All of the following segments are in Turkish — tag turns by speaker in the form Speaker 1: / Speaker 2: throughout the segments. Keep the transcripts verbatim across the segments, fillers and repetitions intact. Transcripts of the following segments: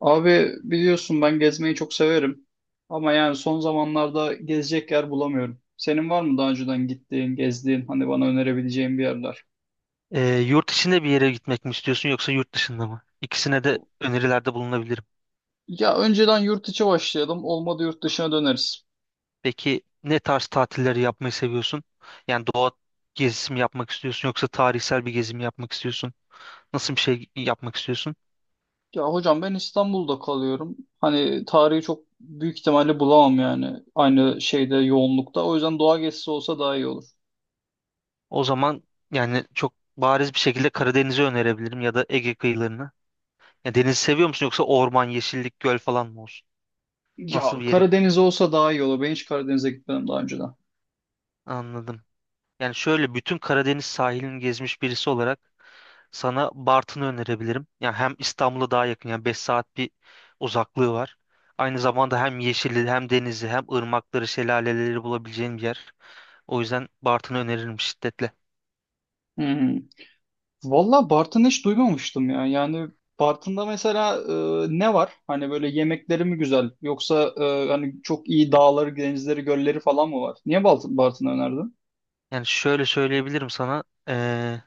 Speaker 1: Abi biliyorsun ben gezmeyi çok severim. Ama yani son zamanlarda gezecek yer bulamıyorum. Senin var mı daha önceden gittiğin, gezdiğin, hani bana önerebileceğin bir yerler?
Speaker 2: Ee, yurt içinde bir yere gitmek mi istiyorsun yoksa yurt dışında mı? İkisine de önerilerde bulunabilirim.
Speaker 1: Ya önceden yurt içi başlayalım. Olmadı yurt dışına döneriz.
Speaker 2: Peki ne tarz tatilleri yapmayı seviyorsun? Yani doğa gezisi mi yapmak istiyorsun yoksa tarihsel bir gezi mi yapmak istiyorsun? Nasıl bir şey yapmak istiyorsun?
Speaker 1: Ya hocam ben İstanbul'da kalıyorum. Hani tarihi çok büyük ihtimalle bulamam yani. Aynı şeyde yoğunlukta. O yüzden doğa gezisi olsa daha iyi olur.
Speaker 2: O zaman yani çok bariz bir şekilde Karadeniz'i önerebilirim ya da Ege kıyılarını. Ya denizi seviyor musun yoksa orman, yeşillik, göl falan mı olsun?
Speaker 1: Ya
Speaker 2: Nasıl bir yeri
Speaker 1: Karadeniz olsa daha iyi olur. Ben hiç Karadeniz'e gitmedim daha önceden.
Speaker 2: anladım. Yani şöyle bütün Karadeniz sahilini gezmiş birisi olarak sana Bartın'ı önerebilirim. Yani hem İstanbul'a daha yakın, yani beş saat bir uzaklığı var. Aynı zamanda hem yeşili hem denizi hem ırmakları şelaleleri bulabileceğin bir yer. O yüzden Bartın'ı öneririm şiddetle.
Speaker 1: Hmm. Valla Bartın'ı hiç duymamıştım ya. Yani Bartın'da mesela e, ne var? Hani böyle yemekleri mi güzel? Yoksa e, hani çok iyi dağları, denizleri, gölleri falan mı var? Niye Balt- Bartın'ı önerdin?
Speaker 2: Yani şöyle söyleyebilirim sana. eee,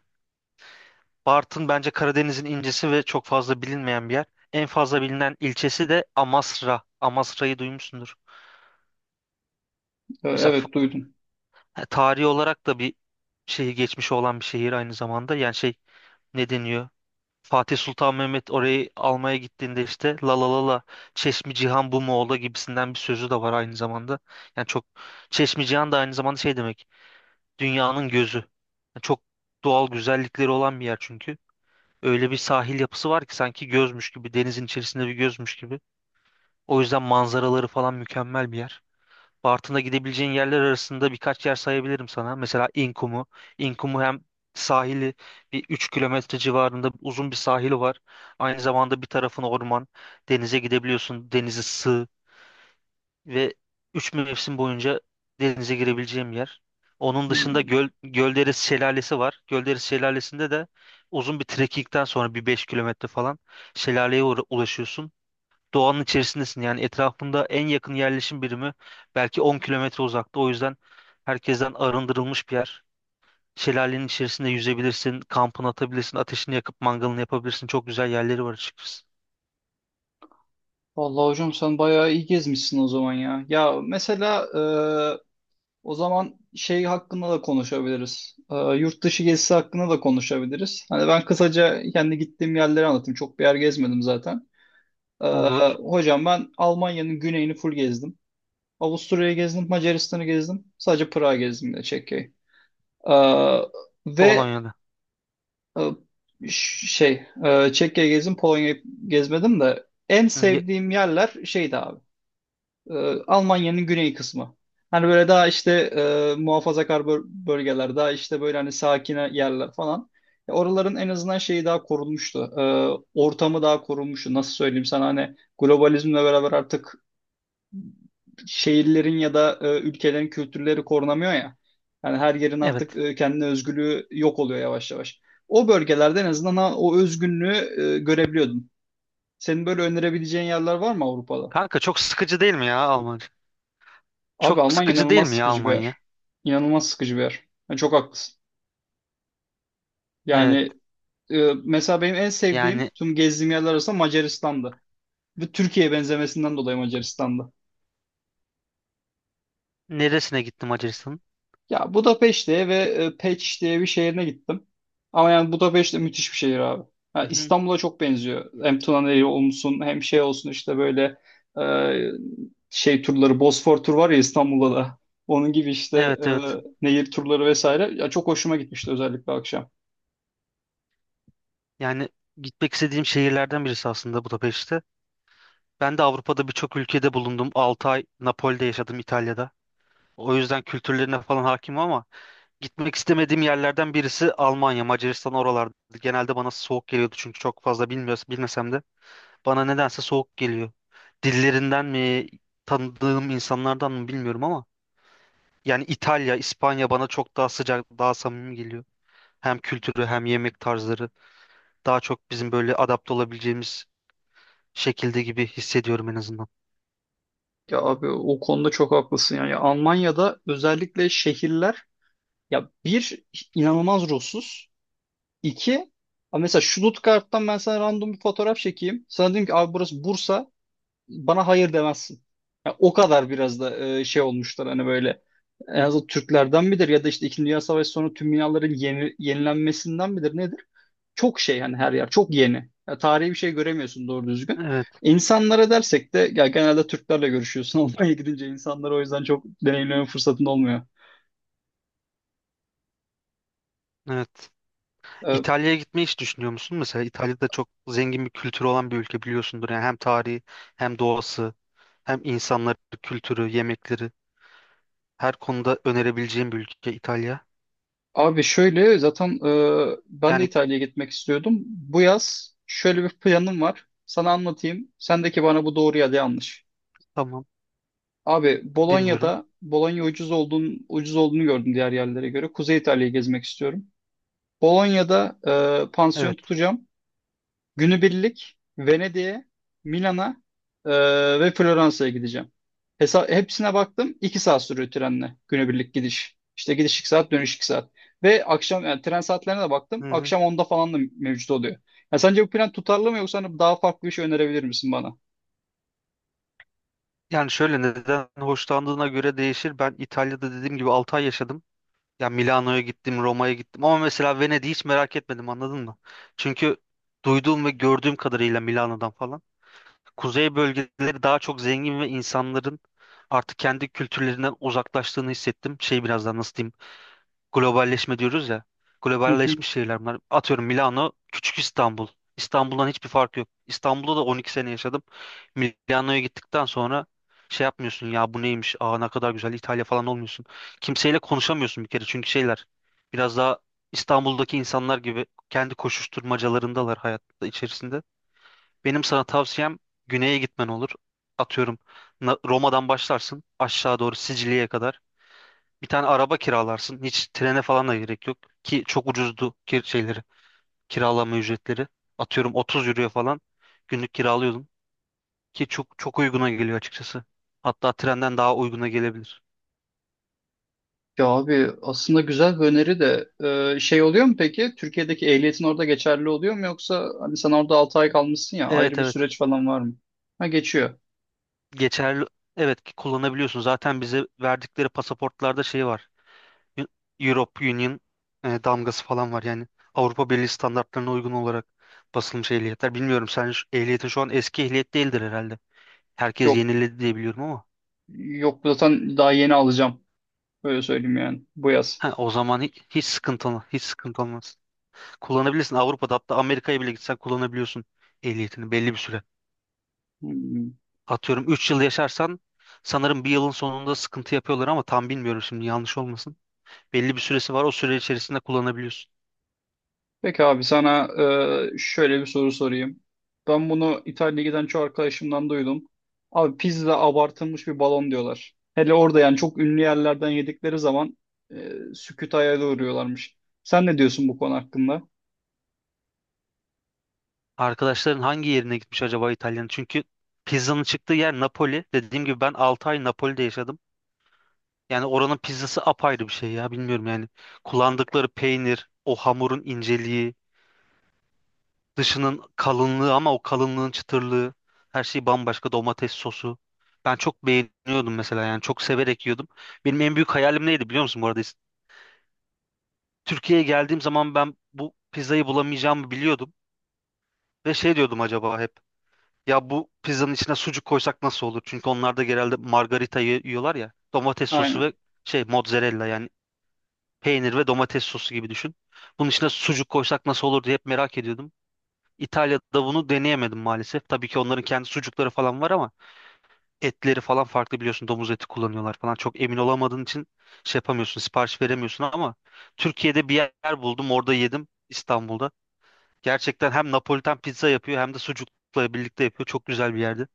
Speaker 2: Bartın bence Karadeniz'in incisi ve çok fazla bilinmeyen bir yer. En fazla bilinen ilçesi de Amasra. Amasra'yı duymuşsundur.
Speaker 1: E,
Speaker 2: Mesela f-
Speaker 1: evet duydum.
Speaker 2: tarihi olarak da bir şeyi geçmiş olan bir şehir aynı zamanda. Yani şey, ne deniyor? Fatih Sultan Mehmet orayı almaya gittiğinde işte la la la la, Çeşmi Cihan bu mu ola gibisinden bir sözü de var aynı zamanda. Yani çok, Çeşmi Cihan da aynı zamanda şey demek, dünyanın gözü. Yani çok doğal güzellikleri olan bir yer çünkü. Öyle bir sahil yapısı var ki sanki gözmüş gibi, denizin içerisinde bir gözmüş gibi. O yüzden manzaraları falan mükemmel bir yer. Bartın'da gidebileceğin yerler arasında birkaç yer sayabilirim sana. Mesela İnkumu. İnkumu hem sahili, bir üç kilometre civarında uzun bir sahili var. Aynı zamanda bir tarafın orman. Denize gidebiliyorsun. Denizi sığ ve üç mevsim boyunca denize girebileceğim yer. Onun dışında
Speaker 1: Hmm.
Speaker 2: göl, Gölderesi Şelalesi var. Gölderesi Şelalesi'nde de uzun bir trekkingden sonra bir beş kilometre falan şelaleye uğra- ulaşıyorsun, doğanın içerisindesin. Yani etrafında en yakın yerleşim birimi belki on kilometre uzakta. O yüzden herkesten arındırılmış bir yer. Şelalenin içerisinde yüzebilirsin, kampını atabilirsin, ateşini yakıp mangalını yapabilirsin. Çok güzel yerleri var açıkçası.
Speaker 1: Vallahi hocam sen bayağı iyi gezmişsin o zaman ya. Ya mesela e, o zaman şey hakkında da konuşabiliriz. E, yurt dışı gezisi hakkında da konuşabiliriz. Hani ben kısaca kendi gittiğim yerleri anlatayım. Çok bir yer gezmedim zaten. E,
Speaker 2: Olur.
Speaker 1: Hocam ben Almanya'nın güneyini full gezdim. Avusturya'yı gezdim, Macaristan'ı gezdim. Sadece Prag'ı gezdim de Çekya'yı. Ee, ve
Speaker 2: Polonya'da.
Speaker 1: e, ş- şey, e, Çekya'yı gezdim, Polonya'yı gezmedim de en
Speaker 2: Hı, ye-
Speaker 1: sevdiğim yerler şeydi abi. e, Almanya'nın güney kısmı. Hani böyle daha işte e, muhafazakar böl- bölgeler, daha işte böyle hani sakin yerler falan. E, Oraların en azından şeyi daha korunmuştu. E, ortamı daha korunmuştu. Nasıl söyleyeyim sana hani globalizmle beraber artık şehirlerin ya da e, ülkelerin kültürleri korunamıyor ya. Yani her yerin artık
Speaker 2: Evet.
Speaker 1: e, kendine özgürlüğü yok oluyor yavaş yavaş. O bölgelerde en azından ha- o özgünlüğü e, görebiliyordum. Senin böyle önerebileceğin yerler var mı Avrupa'da?
Speaker 2: Kanka çok sıkıcı değil mi ya Almanya?
Speaker 1: Abi
Speaker 2: Çok
Speaker 1: Almanya
Speaker 2: sıkıcı değil
Speaker 1: inanılmaz
Speaker 2: mi ya
Speaker 1: sıkıcı bir
Speaker 2: Almanya?
Speaker 1: yer. İnanılmaz sıkıcı bir yer. Yani çok haklısın.
Speaker 2: Evet.
Speaker 1: Yani e, mesela benim en
Speaker 2: Yani
Speaker 1: sevdiğim tüm gezdiğim yerler arasında Macaristan'dı. Ve Türkiye'ye benzemesinden dolayı Macaristan'dı.
Speaker 2: neresine gittim Macaristan'ın?
Speaker 1: Ya Budapeşte'ye ve e, Peç diye bir şehrine gittim. Ama yani Budapeşte de müthiş bir şehir abi. Ha,
Speaker 2: Hı hı.
Speaker 1: İstanbul'a çok benziyor. Hem Tuna'yı olsun hem şey olsun işte böyle e, şey turları Bosfor tur var ya İstanbul'da da. Onun gibi işte
Speaker 2: Evet,
Speaker 1: e,
Speaker 2: evet.
Speaker 1: nehir turları vesaire. Ya çok hoşuma gitmişti özellikle akşam.
Speaker 2: Yani gitmek istediğim şehirlerden birisi aslında Budapeşte. Ben de Avrupa'da birçok ülkede bulundum. altı ay Napoli'de yaşadım İtalya'da. O yüzden kültürlerine falan hakimim, ama gitmek istemediğim yerlerden birisi Almanya, Macaristan, oralardı. Genelde bana soğuk geliyordu çünkü çok fazla bilmiyoruz, bilmesem de. Bana nedense soğuk geliyor. Dillerinden mi, tanıdığım insanlardan mı bilmiyorum ama yani İtalya, İspanya bana çok daha sıcak, daha samimi geliyor. Hem kültürü hem yemek tarzları daha çok bizim böyle adapte olabileceğimiz şekilde gibi hissediyorum en azından.
Speaker 1: Ya abi o konuda çok haklısın yani. Ya Almanya'da özellikle şehirler ya bir inanılmaz ruhsuz. İki, ama mesela Stuttgart'tan ben sana random bir fotoğraf çekeyim. Sana diyeyim ki abi burası Bursa. Bana hayır demezsin. Ya o kadar biraz da e, şey olmuşlar hani böyle en azından Türklerden midir ya da işte İkinci Dünya Savaşı sonu tüm binaların yeni, yenilenmesinden midir nedir? Çok şey hani her yer çok yeni. Ya tarihi bir şey göremiyorsun doğru düzgün.
Speaker 2: Evet,
Speaker 1: İnsanlara dersek de ya genelde Türklerle görüşüyorsun. Almanya'ya gidince insanlar o yüzden çok deneyimleme fırsatın olmuyor.
Speaker 2: evet.
Speaker 1: Ee,
Speaker 2: İtalya'ya gitmeyi hiç düşünüyor musun? Mesela İtalya'da çok zengin bir kültürü olan bir ülke biliyorsundur. Yani hem tarihi hem doğası hem insanları, kültürü, yemekleri, her konuda önerebileceğim bir ülke İtalya.
Speaker 1: Abi şöyle zaten e, ben de
Speaker 2: Yani
Speaker 1: İtalya'ya gitmek istiyordum. Bu yaz şöyle bir planım var. Sana anlatayım. Sen ki bana bu doğru ya da yanlış.
Speaker 2: tamam,
Speaker 1: Abi
Speaker 2: dinliyorum.
Speaker 1: Bolonya'da Bolonya ucuz olduğunu, ucuz olduğunu gördüm diğer yerlere göre. Kuzey İtalya'yı gezmek istiyorum. Bolonya'da e, pansiyon
Speaker 2: Evet.
Speaker 1: tutacağım. Günübirlik Venedik'e, Milan'a e, ve Floransa'ya gideceğim. Hesa hepsine baktım. İki saat sürüyor trenle günübirlik gidiş. İşte gidiş iki saat, dönüş iki saat. Ve akşam yani tren saatlerine de
Speaker 2: Hı
Speaker 1: baktım.
Speaker 2: hı.
Speaker 1: Akşam onda falan da mevcut oluyor. Ya sence bu plan tutarlı mı yoksa hani daha farklı bir şey önerebilir misin bana?
Speaker 2: Yani şöyle, neden hoşlandığına göre değişir. Ben İtalya'da dediğim gibi altı ay yaşadım. Ya Milano'ya gittim, Roma'ya gittim ama mesela Venedik'i hiç merak etmedim, anladın mı? Çünkü duyduğum ve gördüğüm kadarıyla Milano'dan falan, kuzey bölgeleri daha çok zengin ve insanların artık kendi kültürlerinden uzaklaştığını hissettim. Şey, birazdan nasıl diyeyim? Globalleşme diyoruz ya.
Speaker 1: Hı hı.
Speaker 2: Globalleşmiş şehirler bunlar. Atıyorum Milano, küçük İstanbul. İstanbul'dan hiçbir fark yok. İstanbul'da da on iki sene yaşadım. Milano'ya gittikten sonra şey yapmıyorsun ya, bu neymiş? Aa, ne kadar güzel İtalya falan olmuyorsun. Kimseyle konuşamıyorsun bir kere, çünkü şeyler biraz daha, İstanbul'daki insanlar gibi kendi koşuşturmacalarındalar hayatta içerisinde. Benim sana tavsiyem güneye gitmen olur. Atıyorum Na- Roma'dan başlarsın aşağı doğru Sicilya'ya kadar. Bir tane araba kiralarsın. Hiç trene falan da gerek yok. Ki çok ucuzdu kir şeyleri, kiralama ücretleri. Atıyorum otuz euroya falan günlük kiralıyordum. Ki çok çok uyguna geliyor açıkçası. Hatta trenden daha uyguna gelebilir.
Speaker 1: Ya abi aslında güzel bir öneri de e, şey oluyor mu peki? Türkiye'deki ehliyetin orada geçerli oluyor mu yoksa hani sen orada altı ay kalmışsın ya
Speaker 2: Evet,
Speaker 1: ayrı bir
Speaker 2: evet.
Speaker 1: süreç falan var mı? Ha geçiyor.
Speaker 2: Geçerli. Evet ki kullanabiliyorsun. Zaten bize verdikleri pasaportlarda şey var. Eu- Europe Union e, damgası falan var. Yani Avrupa Birliği standartlarına uygun olarak basılmış ehliyetler. Bilmiyorum, sen şu- ehliyetin şu an eski ehliyet değildir herhalde. Herkes
Speaker 1: Yok
Speaker 2: yeniledi diye biliyorum ama.
Speaker 1: Yok zaten daha yeni alacağım. Öyle söyleyeyim yani bu yaz.
Speaker 2: Ha, o zaman hiç, hiç sıkıntı olmaz. Hiç sıkıntı olmaz. Kullanabilirsin. Avrupa'da, hatta Amerika'ya bile gitsen kullanabiliyorsun ehliyetini belli bir süre.
Speaker 1: Hmm.
Speaker 2: Atıyorum üç yıl yaşarsan sanırım bir yılın sonunda sıkıntı yapıyorlar ama tam bilmiyorum, şimdi yanlış olmasın. Belli bir süresi var. O süre içerisinde kullanabiliyorsun.
Speaker 1: Peki abi sana e, şöyle bir soru sorayım. Ben bunu İtalya'ya giden çoğu arkadaşımdan duydum. Abi pizza abartılmış bir balon diyorlar. Hele orada yani çok ünlü yerlerden yedikleri zaman e, sükût hayale uğruyorlarmış. Sen ne diyorsun bu konu hakkında?
Speaker 2: Arkadaşların hangi yerine gitmiş acaba İtalya'nın? Çünkü pizzanın çıktığı yer Napoli. Dediğim gibi ben altı ay Napoli'de yaşadım. Yani oranın pizzası apayrı bir şey ya, bilmiyorum yani. Kullandıkları peynir, o hamurun inceliği, dışının kalınlığı ama o kalınlığın çıtırlığı, her şey bambaşka, domates sosu. Ben çok beğeniyordum mesela, yani çok severek yiyordum. Benim en büyük hayalim neydi biliyor musun bu arada? Türkiye'ye geldiğim zaman ben bu pizzayı bulamayacağımı biliyordum. Ve şey diyordum acaba hep. Ya bu pizzanın içine sucuk koysak nasıl olur? Çünkü onlar da genelde margarita yi- yiyorlar ya. Domates sosu ve
Speaker 1: Aynen.
Speaker 2: şey, mozzarella, yani peynir ve domates sosu gibi düşün. Bunun içine sucuk koysak nasıl olur diye hep merak ediyordum. İtalya'da bunu deneyemedim maalesef. Tabii ki onların kendi sucukları falan var ama etleri falan farklı biliyorsun. Domuz eti kullanıyorlar falan. Çok emin olamadığın için şey yapamıyorsun, sipariş veremiyorsun, ama Türkiye'de bir yer buldum. Orada yedim, İstanbul'da. Gerçekten hem Napolitan pizza yapıyor hem de sucukla birlikte yapıyor. Çok güzel bir yerde.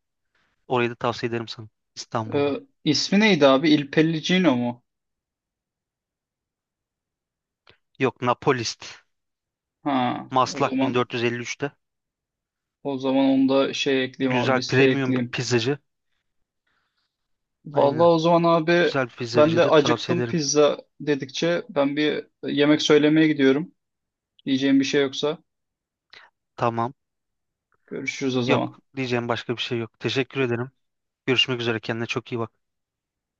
Speaker 2: Orayı da tavsiye ederim sana.
Speaker 1: E,
Speaker 2: İstanbul'da.
Speaker 1: ismi neydi abi? Il Pellicino mu?
Speaker 2: Yok, Napolist.
Speaker 1: Ha, o
Speaker 2: Maslak
Speaker 1: zaman
Speaker 2: bin dört yüz elli üçte.
Speaker 1: o zaman onu da şey ekleyeyim abi
Speaker 2: Güzel
Speaker 1: listeye
Speaker 2: premium bir
Speaker 1: ekleyeyim.
Speaker 2: pizzacı.
Speaker 1: Vallahi
Speaker 2: Aynen.
Speaker 1: o zaman abi
Speaker 2: Güzel bir
Speaker 1: ben de
Speaker 2: pizzacıdır. Tavsiye
Speaker 1: acıktım
Speaker 2: ederim.
Speaker 1: pizza dedikçe ben bir yemek söylemeye gidiyorum. Diyeceğim bir şey yoksa
Speaker 2: Tamam.
Speaker 1: görüşürüz o
Speaker 2: Yok.
Speaker 1: zaman.
Speaker 2: Diyeceğim başka bir şey yok. Teşekkür ederim. Görüşmek üzere. Kendine çok iyi bak.